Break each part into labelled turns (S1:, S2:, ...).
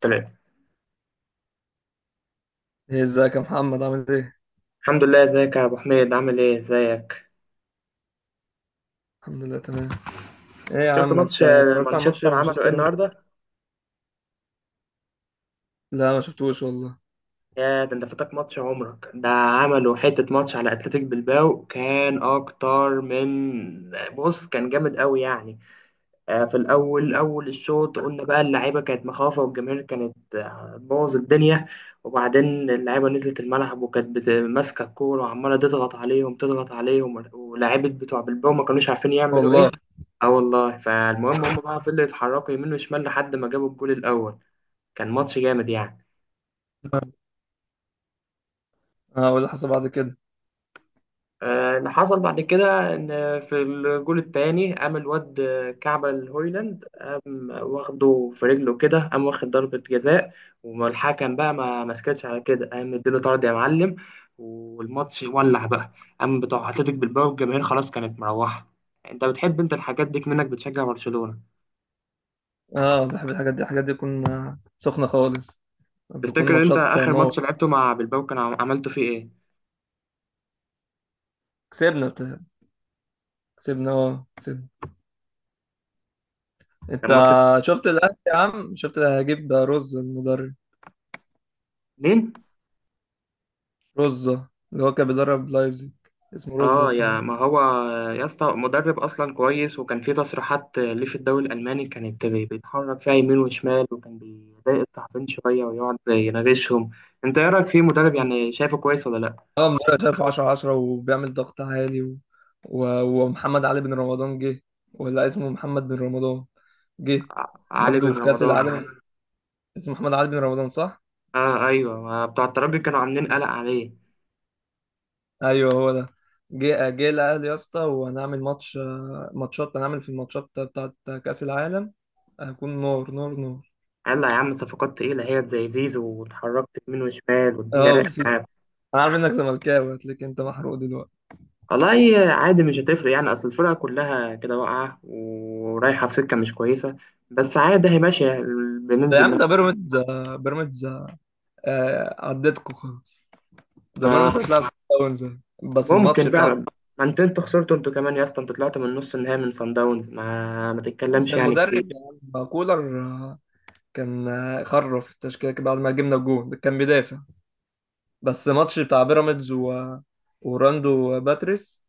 S1: تمام.
S2: ايه ازيك يا محمد، عامل ايه؟
S1: الحمد لله، ازيك يا ابو حميد، عامل ايه، ازيك؟
S2: الحمد لله تمام. ايه يا
S1: شفت
S2: عم، انت
S1: ماتش،
S2: اتفرجت على ماتش
S1: مانشستر عملوا ايه
S2: مانشستر يونايتد؟
S1: النهارده؟
S2: لا، ما شفتوش والله.
S1: يا ده انت فاتك ماتش عمرك، ده عملوا حته ماتش على اتلتيك بالباو، كان اكتر من بص، كان جامد قوي يعني. في الأول أول الشوط قلنا بقى اللعيبة كانت مخافة، والجماهير كانت، بوظ الدنيا. وبعدين اللعيبة نزلت الملعب وكانت ماسكة الكورة، وعمالة تضغط عليهم، ولاعيبة بتوع بالباو ما كانوش عارفين يعملوا
S2: والله.
S1: إيه. اه والله، فالمهم هم بقى فضلوا يتحركوا يمين وشمال لحد ما جابوا الجول الأول. كان ماتش جامد يعني.
S2: اه، واللي حصل بعد كده؟
S1: اللي حصل بعد كده ان في الجول الثاني قام الواد كعبة الهويلاند قام واخده في رجله كده، قام واخد ضربة جزاء، والحكم بقى ما مسكتش على كده، قام مديله طرد يا معلم، والماتش ولع بقى. قام بتوع اتلتيك بالباو والجماهير خلاص كانت مروحة. انت بتحب انت الحاجات دي، منك بتشجع برشلونة.
S2: اه، بحب الحاجات دي تكون سخنة خالص، بتكون
S1: تفتكر انت
S2: ماتشات
S1: اخر
S2: نور.
S1: ماتش لعبته مع بالباو كان عملته فيه ايه؟
S2: كسبنا بتاع. كسبنا، اه كسبنا. انت
S1: كان ماتش
S2: شفت الاهلي يا عم؟ شفت اللي هجيب، رز المدرب،
S1: اتنين.
S2: رزة اللي هو كان بيدرب لايبزيج، اسمه رزة
S1: اه يا
S2: بتاع.
S1: ما هو يا اسطى مدرب اصلا كويس، وكان في تصريحات ليه في الدوري الالماني، كانت بيتحرك فيها يمين وشمال، وكان بيضايق الصحفيين شويه ويقعد يناغشهم. انت ايه رايك فيه مدرب، يعني شايفه كويس ولا لا؟
S2: اه، مدرب شايف 10 10، وبيعمل ضغط عالي و... و... ومحمد علي بن رمضان جه. ولا اسمه محمد بن رمضان، جه
S1: علي
S2: برضه
S1: بن
S2: في كأس
S1: رمضان، اه.
S2: العالم. اسمه محمد علي بن رمضان صح؟
S1: آه ايوه، ما بتوع الترجي كانوا عاملين قلق عليه.
S2: ايوه هو ده. جه الاهلي يا اسطى، وهنعمل ماتش. ماتشات، هنعمل في الماتشات بتاعت كأس العالم. هيكون نور نور نور.
S1: قال لا يا عم، صفقات تقيله هي زي زيزو، واتحركت يمين وشمال والدنيا
S2: اه،
S1: رايقه
S2: وسيم.
S1: معاك.
S2: انا عارف انك زملكاوي، هتلاقيك انت محروق دلوقتي.
S1: والله عادي، مش هتفرق يعني، اصل الفرقه كلها كده واقعه ورايحه في سكه مش كويسه، بس عادي هي ماشية،
S2: ده يا
S1: بننزل.
S2: عم، ده بيراميدز، بيراميدز. عدتكوا خلاص. ده
S1: ما
S2: بيراميدز هتلعب سان داونز. بس الماتش
S1: ممكن
S2: بتاع،
S1: بقى، ما انت انتوا خسرتوا انتوا كمان يا اسطى، انتوا طلعتوا من نص النهائي من صن داونز، ما
S2: عشان
S1: تتكلمش يعني كتير.
S2: المدرب، يا عم كولر، كان خرف التشكيلة كده بعد ما جبنا الجون، كان بيدافع. بس ماتش بتاع بيراميدز و... وراندو باتريس،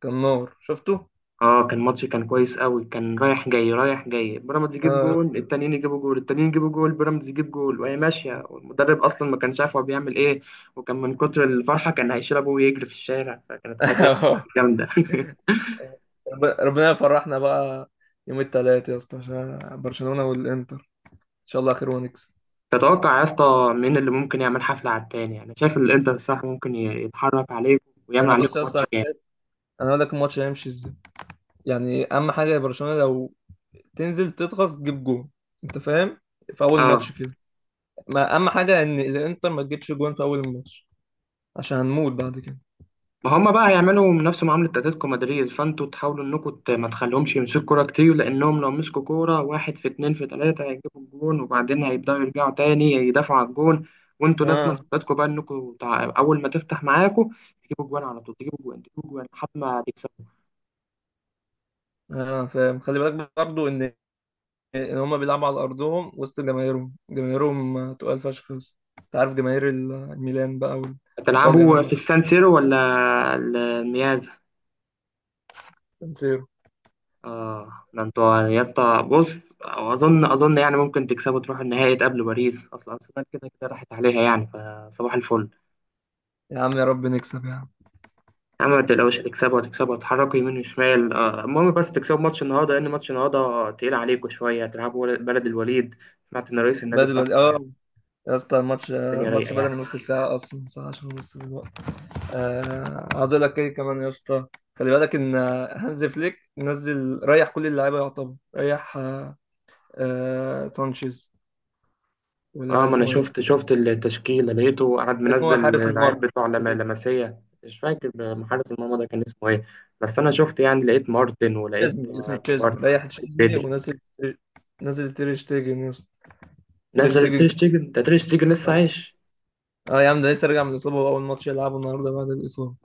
S2: كان نار، شفته؟
S1: اه كان ماتش، كان كويس قوي، كان رايح جاي، بيراميدز يجيب
S2: آه،
S1: جول، التانيين يجيبوا جول، التانيين يجيبوا جول، بيراميدز يجيب جول، وهي ماشيه، والمدرب اصلا ما كانش عارف هو بيعمل ايه. وكان من كتر الفرحه كان هيشيل ابوه ويجري في الشارع، فكانت حاجه جامده.
S2: ربنا يفرحنا بقى. يوم التلات يا اسطى، عشان برشلونة والانتر ان شاء الله خير ونكسب.
S1: تتوقع يا اسطى مين اللي ممكن يعمل حفله على التاني؟ يعني شايف الانتر صح ممكن يتحرك عليكم ويعمل
S2: انا بص
S1: عليكم
S2: يا اسطى،
S1: ماتش جامد؟
S2: انا اقول لك الماتش هيمشي ازاي. يعني اهم حاجة يا برشلونة، لو تنزل تضغط تجيب جون، انت فاهم، في اول ماتش
S1: اه
S2: كده. ما اهم حاجة ان الانتر ما تجيبش جون في اول الماتش، عشان هنموت بعد كده.
S1: ما هم بقى هيعملوا من نفس معاملة اتلتيكو مدريد، فانتوا تحاولوا انكم ما تخليهمش يمسكوا كورة كتير، لانهم لو مسكوا كورة واحد في اتنين في تلاتة هيجيبوا الجون، وبعدين هيبدأوا يرجعوا تاني يدافعوا على الجون. وانتوا لازم
S2: اه.
S1: خطتكم بقى انكم اول ما تفتح معاكم تجيبوا جوان على طول، تجيبوا جوان لحد ما تكسبوا.
S2: اه، فاهم. خلي بالك برضه ان هما بيلعبوا على ارضهم وسط جماهيرهم تقال فشخ. بس انت عارف جماهير الميلان بقى، وايطاليا
S1: هتلعبوا في
S2: عامه،
S1: السان سيرو ولا الميازا؟
S2: سانسيرو.
S1: اه ده انتوا يا اسطى بص، اظن يعني ممكن تكسبوا تروحوا النهائي تقابلوا باريس، اصلا ارسنال كده كده راحت عليها يعني، فصباح الفل.
S2: يا عم، يا رب نكسب يا عم.
S1: يا عم ما تقلقوش، هتكسبوا، هتكسبوا، هتحركوا يمين وشمال، المهم بس تكسبوا ماتش النهارده، لأن ماتش النهارده تقيل عليكم شوية، هتلعبوا بلد الوليد. سمعت إن رئيس النادي
S2: بدري
S1: بتاعهم
S2: بدري، اه. يا اسطى، الماتش
S1: الدنيا رايقة
S2: الماتش بدأ
S1: يعني.
S2: من نص ساعة، أصلا ساعة، عشان نص الوقت. عايز أقول لك إيه كمان يا اسطى، خلي بالك إن هانز فليك نزل، ريح كل اللعيبة، يعتبر ريح. سانشيز،
S1: اه
S2: ولا
S1: ما أنا
S2: اسمه
S1: شفت،
S2: إيه؟
S1: شفت التشكيلة، لقيته قاعد
S2: اسمه إيه؟
S1: منزل
S2: حارس
S1: العيال
S2: المرمى.
S1: بتوع لمسية، مش فاكر محارس المرمى ده كان اسمه إيه. بس أنا شفت يعني، لقيت مارتن، ولقيت
S2: تشيزني، اسمه تشيزني.
S1: كوبارسي،
S2: ريح
S1: ولقيت
S2: تشيزني،
S1: بدري.
S2: ونزل، نزل تير شتيجن يا اسطى. تير
S1: نزل
S2: شتيجن.
S1: تريش تيجن، ده تريش تيجن لسه
S2: اه.
S1: عايش؟
S2: يا عم، ده لسه راجع من الاصابه، واول ماتش يلعبه النهارده بعد الاصابه.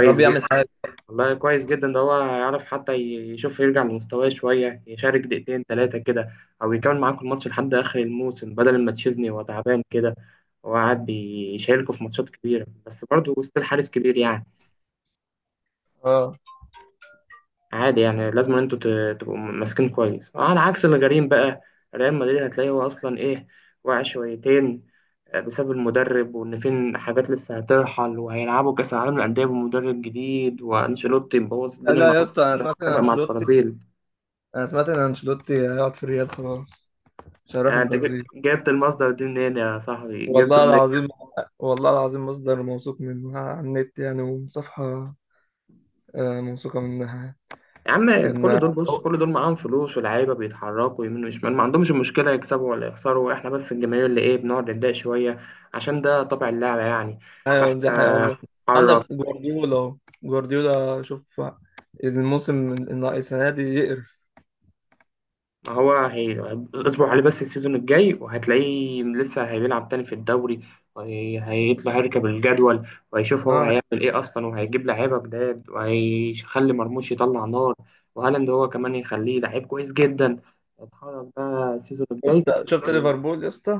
S2: يا رب يعمل
S1: جدا.
S2: حاجه.
S1: والله كويس جدا، ده هو يعرف حتى يشوف يرجع لمستواه شوية، يشارك دقيقتين ثلاثة كده، أو يكمل معاكم الماتش لحد آخر الموسم، بدل ما تشيزني وهو تعبان كده وقاعد بيشاركوا في ماتشات كبيرة، بس برضه وسط الحارس كبير يعني.
S2: اه،
S1: عادي يعني، لازم أن أنتوا تبقوا ماسكين كويس. على عكس الغريم بقى ريال مدريد، هتلاقيه هو أصلا إيه، واقع شويتين، بسبب المدرب، وإن فين حاجات لسه هترحل، وهيلعبوا كأس العالم للأندية بمدرب جديد، وأنشيلوتي مبوظ
S2: لا
S1: الدنيا
S2: لا
S1: معاه،
S2: يا اسطى، انا سمعت ان
S1: اتفق مع
S2: انشيلوتي،
S1: البرازيل.
S2: انا سمعت ان انشيلوتي هيقعد في الريال خلاص، مش هيروح
S1: يعني انت
S2: البرازيل.
S1: جبت المصدر دي منين يا صاحبي، جبته
S2: والله
S1: منين؟
S2: العظيم. والله العظيم، مصدر موثوق منه على النت يعني، وصفحه موثوقه منها.
S1: يا عم كل
S2: ان
S1: دول بص، كل دول معاهم فلوس ولاعيبه بيتحركوا يمين وشمال، ما عندهمش مشكله يكسبوا ولا يخسروا، احنا بس الجماهير اللي ايه، بنقعد نتضايق شويه، عشان ده طبع اللعبه يعني،
S2: ايوه، دي حقيقة
S1: فاحنا
S2: والله.
S1: نتحرك.
S2: عندك جوارديولا اهو. جوارديولا، شوف الموسم، السنة دي يقرف.
S1: ما هو هي... اصبر عليه بس السيزون الجاي، وهتلاقيه لسه هيلعب تاني في الدوري، وهي... هيطلع يركب الجدول، وهيشوف هو
S2: اه،
S1: هيعمل ايه اصلا، وهيجيب لعيبه جداد، وهيخلي مرموش يطلع نار، وهالاند هو كمان يخليه لعيب كويس جدا. اتحرك بقى السيزون الجاي.
S2: شفت ليفربول يا اسطى؟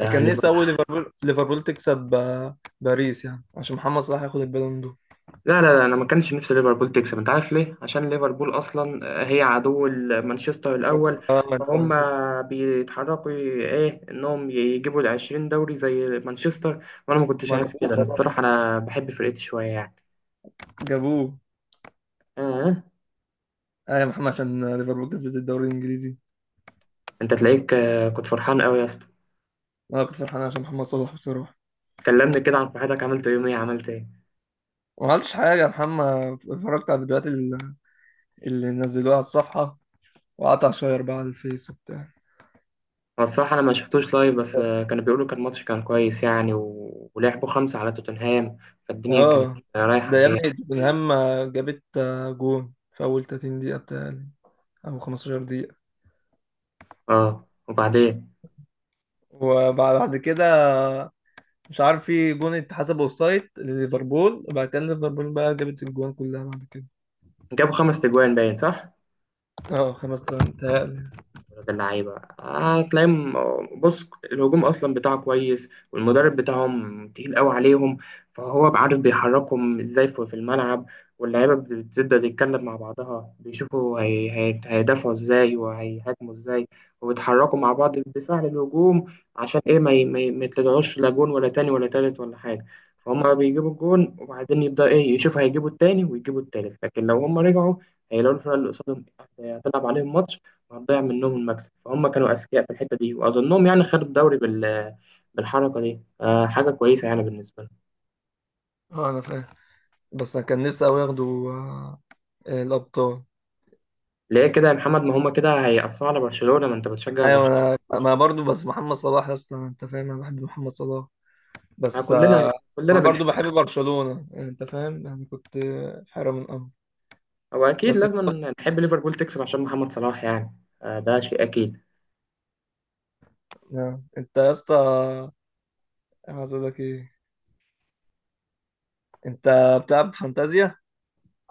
S2: أنا كان نفسي اول، ليفربول تكسب باريس، يعني عشان محمد صلاح ياخد البالون دور.
S1: لا لا لا، انا ما كانش نفسي ليفربول تكسب، انت عارف ليه؟ عشان ليفربول اصلا هي عدو مانشستر الاول،
S2: اه، ما انت
S1: فهم
S2: مش
S1: بيتحركوا ايه، انهم يجيبوا ال 20 دوري زي مانشستر، وانا ما كنتش
S2: ما
S1: عايز
S2: جابوه
S1: كده، انا
S2: خلاص.
S1: الصراحه انا بحب فرقتي شويه يعني.
S2: جابوه.
S1: آه.
S2: ايوه محمد، عشان ليفربول كسبت الدوري الانجليزي.
S1: انت تلاقيك، كنت فرحان قوي يا اسطى.
S2: انا كنت فرحان عشان محمد صلاح بصراحة.
S1: كلمني كده عن فرحتك، عملت يوم ايه، عملت ايه؟
S2: ما عملتش حاجة يا محمد، اتفرجت على الفيديوهات اللي نزلوها على الصفحة، وقعدت اشير بقى على الفيس وبتاع.
S1: هو الصراحه انا ما شفتوش لايف، بس كانوا بيقولوا كان ماتش، كان كويس يعني، و... ولعبوا خمسه على توتنهام، فالدنيا كانت
S2: اه،
S1: رايحه
S2: ده يا
S1: جايه.
S2: ابني توتنهام جابت جون في اول 30 دقيقة بتاعي، او 15 دقيقة.
S1: اه وبعدين
S2: وبعد كده، مش عارف، في جون اتحسب اوفسايد لليفربول، وبعد كده ليفربول بقى جابت الجوان كلها بعد كده.
S1: جابوا خمس تجوان باين، صح؟
S2: اه، خمس تلاتة متهيألي.
S1: ولاد اللعيبة هتلاقيهم، بص الهجوم أصلا بتاعه كويس، والمدرب بتاعهم تقيل قوي عليهم، فهو عارف بيحركهم إزاي في الملعب. واللعيبة بتبدأ تتكلم مع بعضها، بيشوفوا هي... هي... هيدافعوا إزاي وهيهاجموا إزاي، وبيتحركوا مع بعض بالدفاع للهجوم، عشان إيه ما, ي... ما, ي... ما يتلدعوش لا جون ولا تاني ولا تالت ولا حاجة. فهم بيجيبوا الجون وبعدين يبدأ إيه يشوفوا هيجيبوا التاني ويجيبوا التالت، لكن لو هم رجعوا هيلاقوا الفرقة اللي قصادهم هتلعب عليهم ماتش، هتضيع منهم المكسب، فهم كانوا أذكياء في الحتة دي، وأظنهم يعني خدوا الدوري بالحركة دي. آه حاجة كويسة يعني بالنسبة لهم.
S2: اه، انا فاهم. بس انا كان نفسي قوي ياخدوا الابطال.
S1: ليه كده يا محمد؟ ما هم كده هيأثروا على برشلونة، ما أنت بتشجع
S2: ايوه
S1: برشلونة.
S2: انا، ما برضو، بس محمد صلاح يا اسطى، انت فاهم، انا بحب محمد صلاح
S1: آه
S2: بس.
S1: كلنا، كلنا
S2: انا
S1: بنحب.
S2: برضو بحب برشلونة يعني، انت فاهم، يعني كنت في حيرة من الامر
S1: هو أكيد
S2: بس.
S1: لازم نحب ليفربول تكسب عشان محمد صلاح يعني، آه ده شيء أكيد.
S2: انت يا اسطى، انا عايز اقول لك ايه. انت بتلعب فانتازيا؟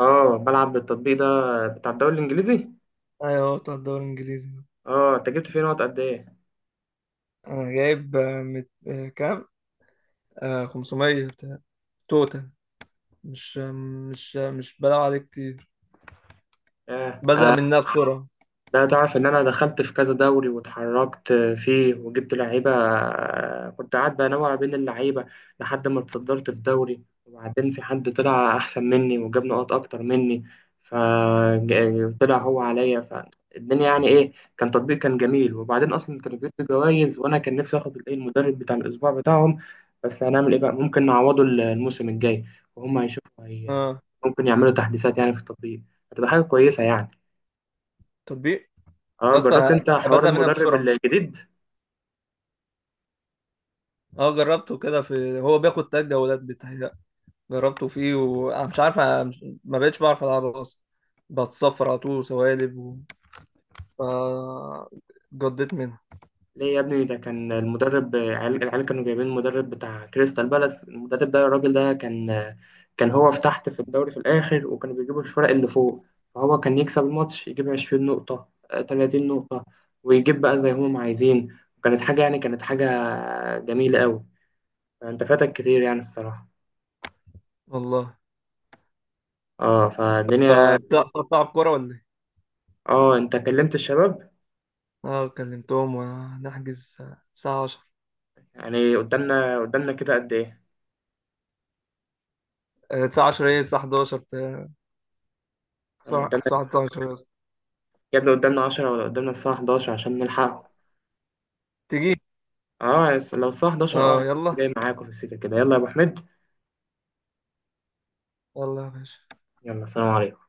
S1: اه بلعب بالتطبيق ده بتاع الدوري الإنجليزي.
S2: ايوه، بتاع الدوري الانجليزي.
S1: اه أنت جبت فيه نقط قد إيه؟
S2: انا جايب كام، 500 توتال. مش بلعب عليه كتير،
S1: آه.
S2: بزهق منها بسرعه.
S1: لا تعرف ان انا دخلت في كذا دوري واتحركت فيه وجبت لعيبه، كنت قاعد بنوع بين اللعيبه لحد ما اتصدرت في دوري، وبعدين في حد طلع احسن مني وجاب نقط اكتر مني فطلع هو عليا، فالدنيا يعني ايه، كان تطبيق كان جميل، وبعدين اصلا كانوا بيدوا جوائز، وانا كان نفسي اخد الايه، المدرب بتاع الاسبوع بتاعهم. بس هنعمل ايه بقى، ممكن نعوضه الموسم الجاي، وهم هيشوفوا هي
S2: اه،
S1: ممكن يعملوا تحديثات يعني في التطبيق، هتبقى حاجه كويسه يعني.
S2: تطبيق.
S1: اه
S2: يا اسطى،
S1: جربت
S2: انا
S1: انت حوار
S2: بزهق منها
S1: المدرب
S2: بسرعه.
S1: الجديد؟
S2: اه، جربته كده، في هو بياخد تلات جولات، بتهيأ جربته فيه، وانا مش عارف، أنا مش- ما بقتش بعرف العبه اصلا، بتصفر على طول وسوالب و... ف جضيت منها.
S1: ليه يا ابني، ده كان المدرب، العيال كانوا جايبين المدرب بتاع كريستال بالاس، المدرب ده الراجل ده كان، كان هو في تحت في الدوري في الاخر، وكانوا بيجيبوا الفرق اللي فوق، فهو كان يكسب الماتش يجيب 20 نقطة، 30 نقطة، ويجيب بقى زي هم عايزين، وكانت حاجة يعني، كانت حاجة جميلة قوي، فانت فاتك كتير يعني الصراحة.
S2: والله.
S1: اه فالدنيا.
S2: فبتلعب كورة ولا ايه؟
S1: اه انت كلمت الشباب؟
S2: اه، كلمتهم، ونحجز الساعة 10.
S1: يعني قدامنا، قدامنا كده قد ايه؟
S2: الساعة 10، ايه، الساعة 11 بتاع،
S1: انا
S2: الساعة
S1: قدامنا
S2: 11 يا اسطى.
S1: يا ابني، قدامنا 10 ولا قدامنا الساعة 11 عشان نلحق؟
S2: تيجي؟
S1: اه لو الساعة 11، اه
S2: اه، يلا.
S1: هتلاقيني جاي معاكم في السكة كده، يلا يا ابو حميد.
S2: يلا يا باشا.
S1: يلا سلام عليكم.